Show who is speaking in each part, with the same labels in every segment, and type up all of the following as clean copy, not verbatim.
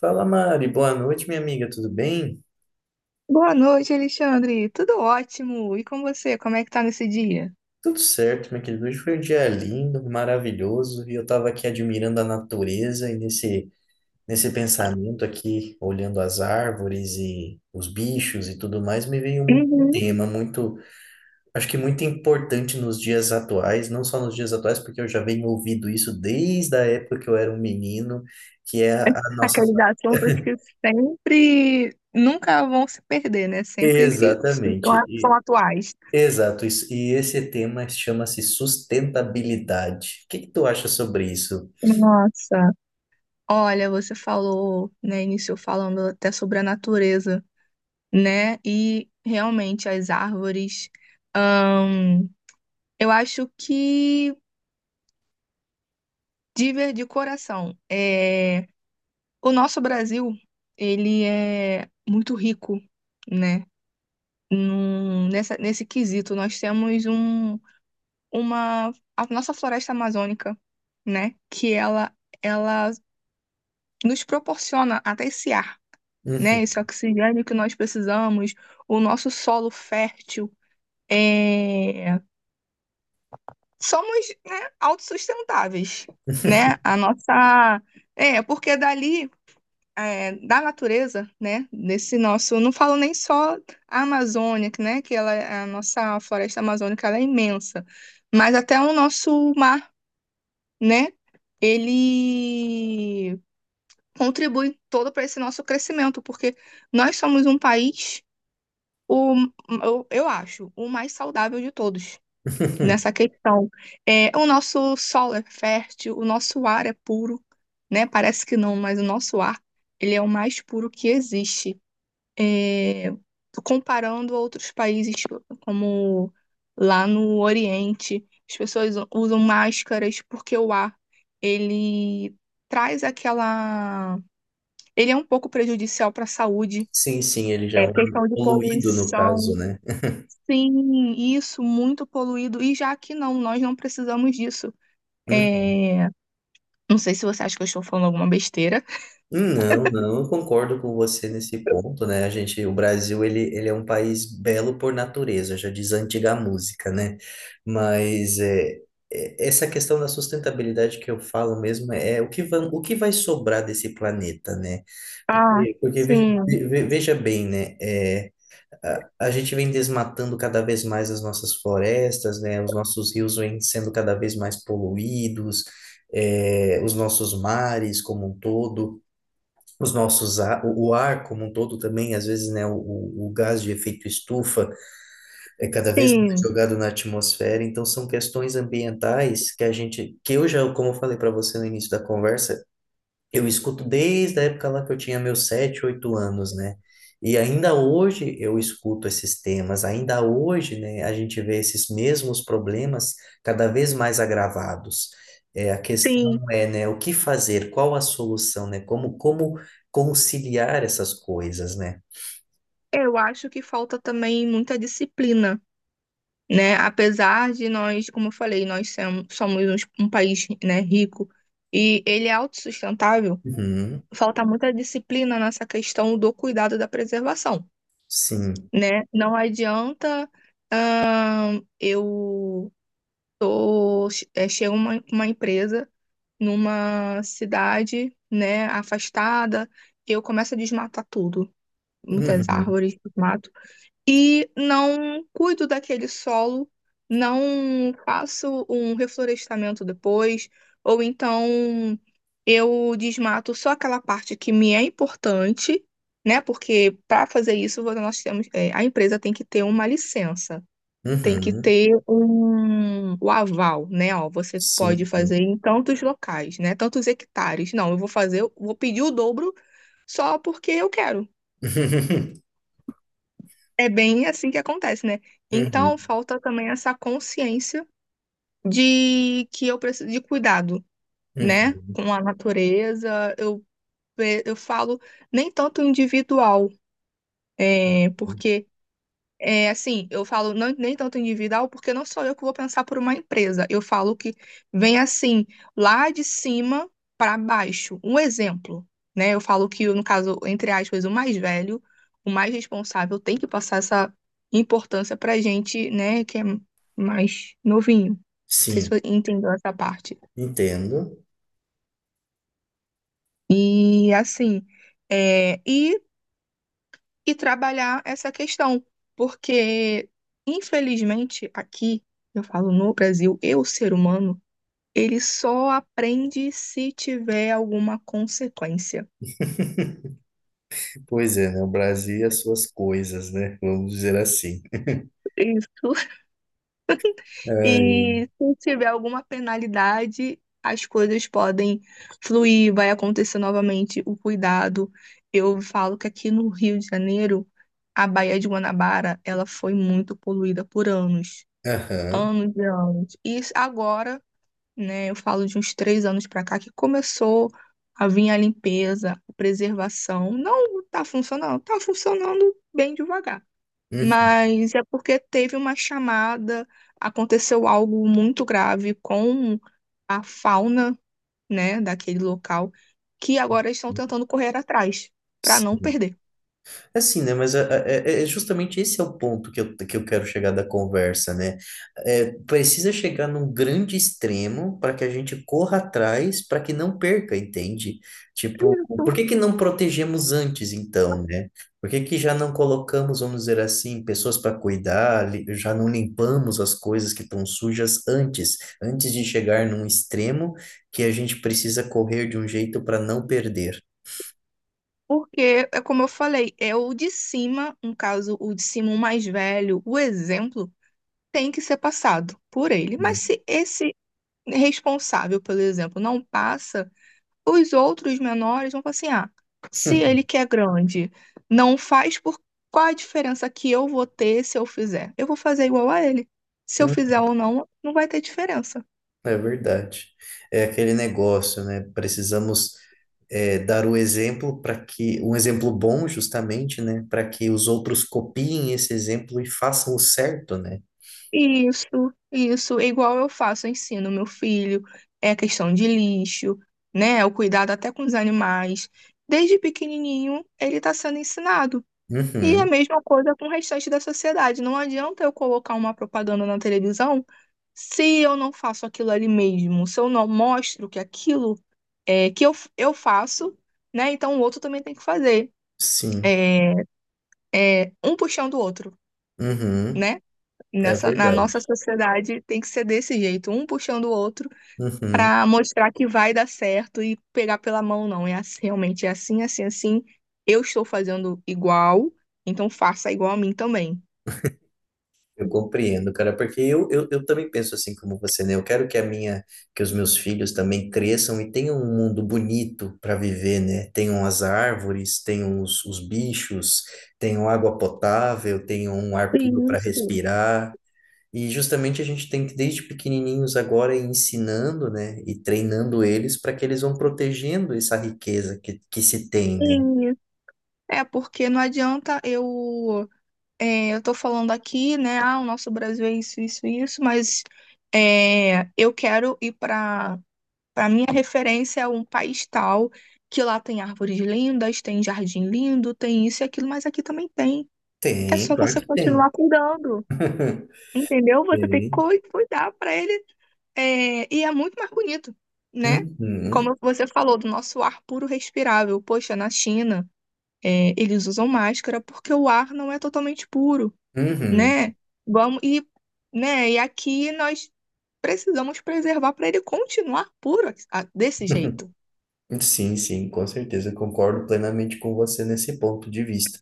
Speaker 1: Fala Mari, boa noite minha amiga, tudo bem?
Speaker 2: Boa noite, Alexandre. Tudo ótimo. E com você? Como é que tá nesse dia?
Speaker 1: Tudo certo, meu querido. Hoje foi um dia lindo, maravilhoso, e eu estava aqui admirando a natureza e nesse pensamento aqui, olhando as árvores e os bichos e tudo mais, me veio um
Speaker 2: Uhum.
Speaker 1: tema muito, acho que muito importante nos dias atuais, não só nos dias atuais, porque eu já venho ouvindo isso desde a época que eu era um menino, que é a nossa.
Speaker 2: Aqueles assuntos que sempre, nunca vão se perder, né? Sempre fi- ficam
Speaker 1: Exatamente.
Speaker 2: a- São atuais.
Speaker 1: Exato, e esse tema chama-se sustentabilidade. O que que tu acha sobre isso?
Speaker 2: Nossa. Olha, você falou, né, iniciou falando até sobre a natureza, né? E realmente as árvores, ahn, eu acho que de coração, é, o nosso Brasil, ele é muito rico, né? Nessa, nesse quesito, nós temos um, uma, a nossa floresta amazônica, né? Ela nos proporciona até esse ar, né?
Speaker 1: Uhum.
Speaker 2: Esse oxigênio que nós precisamos, o nosso solo fértil. É... Somos, né, autossustentáveis, né? A nossa... É, porque dali é, da natureza, né, desse nosso, não falo nem só a Amazônia, que, né, a nossa floresta amazônica ela é imensa, mas até o nosso mar, né, ele contribui todo para esse nosso crescimento, porque nós somos um país, o, eu acho, o mais saudável de todos nessa questão. É, o nosso solo é fértil, o nosso ar é puro, né, parece que não, mas o nosso ar, ele é o mais puro que existe é, comparando outros países, como lá no Oriente, as pessoas usam máscaras porque o ar, ele traz aquela... Ele é um pouco prejudicial para a saúde.
Speaker 1: Sim, sim, ele já é
Speaker 2: É
Speaker 1: um
Speaker 2: questão de
Speaker 1: poluído no caso,
Speaker 2: poluição.
Speaker 1: né?
Speaker 2: Sim, isso, muito poluído. E já que não, nós não precisamos disso.
Speaker 1: Uhum.
Speaker 2: É, não sei se você acha que eu estou falando alguma besteira.
Speaker 1: Não, não, eu concordo com você nesse ponto, né? A gente, o Brasil, ele é um país belo por natureza, já diz a antiga música, né? Mas é, essa questão da sustentabilidade que eu falo mesmo é o que vai sobrar desse planeta, né?
Speaker 2: Ah,
Speaker 1: Porque veja,
Speaker 2: sim,
Speaker 1: veja bem, né? É, a gente vem desmatando cada vez mais as nossas florestas, né? Os nossos rios vêm sendo cada vez mais poluídos, é os nossos mares como um todo, os nossos ar, o ar como um todo também, às vezes, né? O gás de efeito estufa é cada vez mais
Speaker 2: sim,
Speaker 1: jogado na atmosfera. Então, são questões ambientais que a gente, que eu já, como eu falei para você no início da conversa, eu escuto desde a época lá que eu tinha meus sete, oito anos, né? E ainda hoje eu escuto esses temas, ainda hoje, né, a gente vê esses mesmos problemas cada vez mais agravados. É, a questão
Speaker 2: sim.
Speaker 1: é, né, o que fazer, qual a solução, né? Como conciliar essas coisas, né?
Speaker 2: Eu acho que falta também muita disciplina, né? Apesar de nós, como eu falei, nós somos, um país, né, rico e ele é autossustentável,
Speaker 1: Uhum,
Speaker 2: falta muita disciplina nessa questão do cuidado da preservação,
Speaker 1: sim.
Speaker 2: né? Não adianta, eu tô, é, chega uma empresa numa cidade, né, afastada, eu começo a desmatar tudo, muitas
Speaker 1: Uhum,
Speaker 2: árvores, mato. E não cuido daquele solo, não faço um reflorestamento depois, ou então eu desmato só aquela parte que me é importante, né? Porque para fazer isso, nós temos, é, a empresa tem que ter uma licença. Tem que
Speaker 1: uhum,
Speaker 2: ter um, o aval, né? Ó, você pode
Speaker 1: sim. Sim.
Speaker 2: fazer em tantos locais, né? Tantos hectares. Não, eu vou fazer, eu vou pedir o dobro só porque eu quero. É bem assim que acontece, né? Então,
Speaker 1: Uhum,
Speaker 2: falta também essa consciência de que eu preciso de cuidado, né?
Speaker 1: uhum,
Speaker 2: Com a natureza. Eu, eu falo nem tanto individual, é,
Speaker 1: uhum.
Speaker 2: porque. É, assim, eu falo não, nem tanto individual, porque não sou eu que vou pensar por uma empresa. Eu falo que vem assim, lá de cima para baixo. Um exemplo, né? Eu falo que, no caso, entre aspas, o mais velho, o mais responsável, tem que passar essa importância para gente, né, que é mais novinho. Não sei se
Speaker 1: Sim,
Speaker 2: você entendeu essa parte.
Speaker 1: entendo.
Speaker 2: E assim, é, e trabalhar essa questão, porque, infelizmente, aqui, eu falo no Brasil, eu, ser humano, ele só aprende se tiver alguma consequência.
Speaker 1: Pois é, né? O Brasil e as suas coisas, né? Vamos dizer assim.
Speaker 2: Isso.
Speaker 1: Ai,
Speaker 2: E se tiver alguma penalidade, as coisas podem fluir, vai acontecer novamente o cuidado. Eu falo que aqui no Rio de Janeiro, a Baía de Guanabara, ela foi muito poluída por anos,
Speaker 1: aham.
Speaker 2: anos e anos. E agora né? Eu falo de uns três anos para cá que começou a vir a limpeza, a preservação. Não está funcionando, está funcionando bem devagar.
Speaker 1: Uhum.
Speaker 2: Mas é porque teve uma chamada, aconteceu algo muito grave com a fauna, né, daquele local, que agora estão tentando correr atrás para não
Speaker 1: Sim.
Speaker 2: perder.
Speaker 1: É assim, né? Mas é justamente esse é o ponto que eu quero chegar da conversa, né? É, precisa chegar num grande extremo para que a gente corra atrás, para que não perca, entende? Tipo, por
Speaker 2: Isso.
Speaker 1: que que não protegemos antes, então, né? Por que que já não colocamos, vamos dizer assim, pessoas para cuidar, já não limpamos as coisas que estão sujas antes, antes de chegar num extremo que a gente precisa correr de um jeito para não perder,
Speaker 2: Porque, é como eu falei, é o de cima, no caso, o de cima, o mais velho, o exemplo tem que ser passado por ele. Mas
Speaker 1: né?
Speaker 2: se esse responsável, por exemplo, não passa, os outros menores vão falar assim: ah, se ele que é grande não faz, por qual a diferença que eu vou ter se eu fizer? Eu vou fazer igual a ele. Se eu
Speaker 1: Hum.
Speaker 2: fizer ou não, não vai ter diferença.
Speaker 1: É verdade. É aquele negócio, né? Precisamos é, dar o exemplo para que, um exemplo bom, justamente, né? Para que os outros copiem esse exemplo e façam o certo, né?
Speaker 2: Isso, isso, é igual eu faço, eu ensino meu filho, é questão de lixo, né? O cuidado até com os animais. Desde pequenininho, ele está sendo ensinado. E a
Speaker 1: Uhum,
Speaker 2: mesma coisa com o restante da sociedade. Não adianta eu colocar uma propaganda na televisão se eu não faço aquilo ali mesmo, se eu não mostro que aquilo é que eu faço, né? Então o outro também tem que fazer.
Speaker 1: sim.
Speaker 2: É, é um puxando o outro,
Speaker 1: Uhum,
Speaker 2: né?
Speaker 1: é
Speaker 2: Na
Speaker 1: verdade.
Speaker 2: nossa sociedade tem que ser desse jeito, um puxando o outro
Speaker 1: Uhum.
Speaker 2: para mostrar que vai dar certo e pegar pela mão, não. É assim, realmente é assim, assim, assim. Eu estou fazendo igual, então faça igual a mim também.
Speaker 1: Eu compreendo, cara, porque eu também penso assim como você, né? Eu quero que a minha, que os meus filhos também cresçam e tenham um mundo bonito para viver, né? Tenham as árvores, tenham os bichos, tenham água potável, tenham um ar puro para
Speaker 2: Isso,
Speaker 1: respirar. E justamente a gente tem que, desde pequenininhos agora, ir ensinando, né? E treinando eles para que eles vão protegendo essa riqueza que se tem, né?
Speaker 2: sim. É porque não adianta eu, é, eu tô falando aqui, né? Ah, o nosso Brasil é isso, isso, isso, mas é, eu quero ir para minha referência é um país tal que lá tem árvores lindas, tem jardim lindo, tem isso e aquilo, mas aqui também tem. É
Speaker 1: Tem,
Speaker 2: só
Speaker 1: claro
Speaker 2: você
Speaker 1: que tem.
Speaker 2: continuar cuidando, entendeu? Você tem que
Speaker 1: Tem.
Speaker 2: cuidar para ele é, e é muito mais bonito, né?
Speaker 1: Uhum.
Speaker 2: Como você falou, do nosso ar puro respirável. Poxa, na China. É, eles usam máscara porque o ar não é totalmente puro,
Speaker 1: Uhum.
Speaker 2: né? E, né? E aqui nós precisamos preservar para ele continuar puro desse jeito.
Speaker 1: Sim, sim, com certeza, concordo plenamente com você nesse ponto de vista.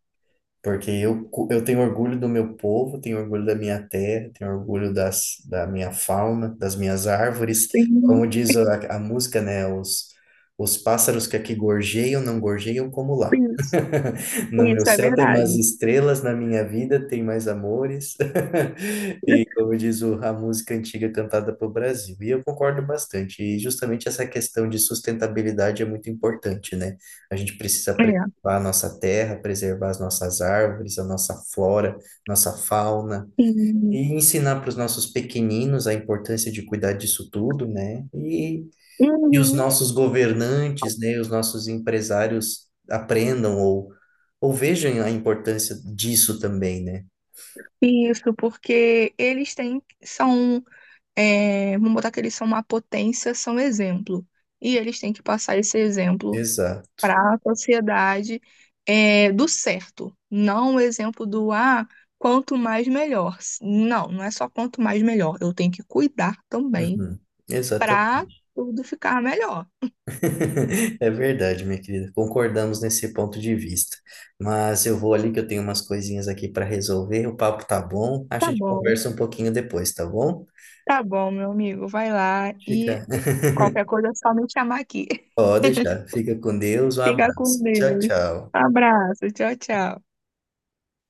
Speaker 1: Porque eu tenho orgulho do meu povo, tenho orgulho da minha terra, tenho orgulho das, da minha fauna, das minhas árvores.
Speaker 2: Sim,
Speaker 1: Como diz a música, né? Os pássaros que aqui gorjeiam, não gorjeiam como lá.
Speaker 2: isso,
Speaker 1: No meu
Speaker 2: isso é
Speaker 1: céu tem mais
Speaker 2: verdade.
Speaker 1: estrelas, na minha vida tem mais amores. E como diz a música antiga cantada pelo Brasil. E eu concordo bastante. E justamente essa questão de sustentabilidade é muito importante, né? A gente precisa preservar
Speaker 2: É,
Speaker 1: a nossa terra, preservar as nossas árvores, a nossa flora, nossa fauna,
Speaker 2: sim.
Speaker 1: e ensinar para os nossos pequeninos a importância de cuidar disso tudo, né? E os
Speaker 2: Uhum.
Speaker 1: nossos governantes, né, os nossos empresários aprendam ou vejam a importância disso também, né?
Speaker 2: Isso, porque eles têm, são, é, vamos botar que eles são uma potência, são exemplo. E eles têm que passar esse exemplo
Speaker 1: Exato.
Speaker 2: para a sociedade é, do certo, não o exemplo do ah, quanto mais melhor. Não, não é só quanto mais melhor, eu tenho que cuidar também
Speaker 1: Uhum. Exatamente.
Speaker 2: para tudo ficar melhor.
Speaker 1: É verdade, minha querida. Concordamos nesse ponto de vista. Mas eu vou ali que eu tenho umas coisinhas aqui para resolver. O papo tá bom. A
Speaker 2: Tá
Speaker 1: gente
Speaker 2: bom,
Speaker 1: conversa um pouquinho depois, tá bom?
Speaker 2: tá bom, meu amigo, vai lá e
Speaker 1: Fica,
Speaker 2: qualquer coisa é só me chamar aqui.
Speaker 1: pode deixar. Fica com Deus. Um
Speaker 2: Fica com
Speaker 1: abraço. Tchau,
Speaker 2: Deus.
Speaker 1: tchau.
Speaker 2: Abraço, tchau, tchau.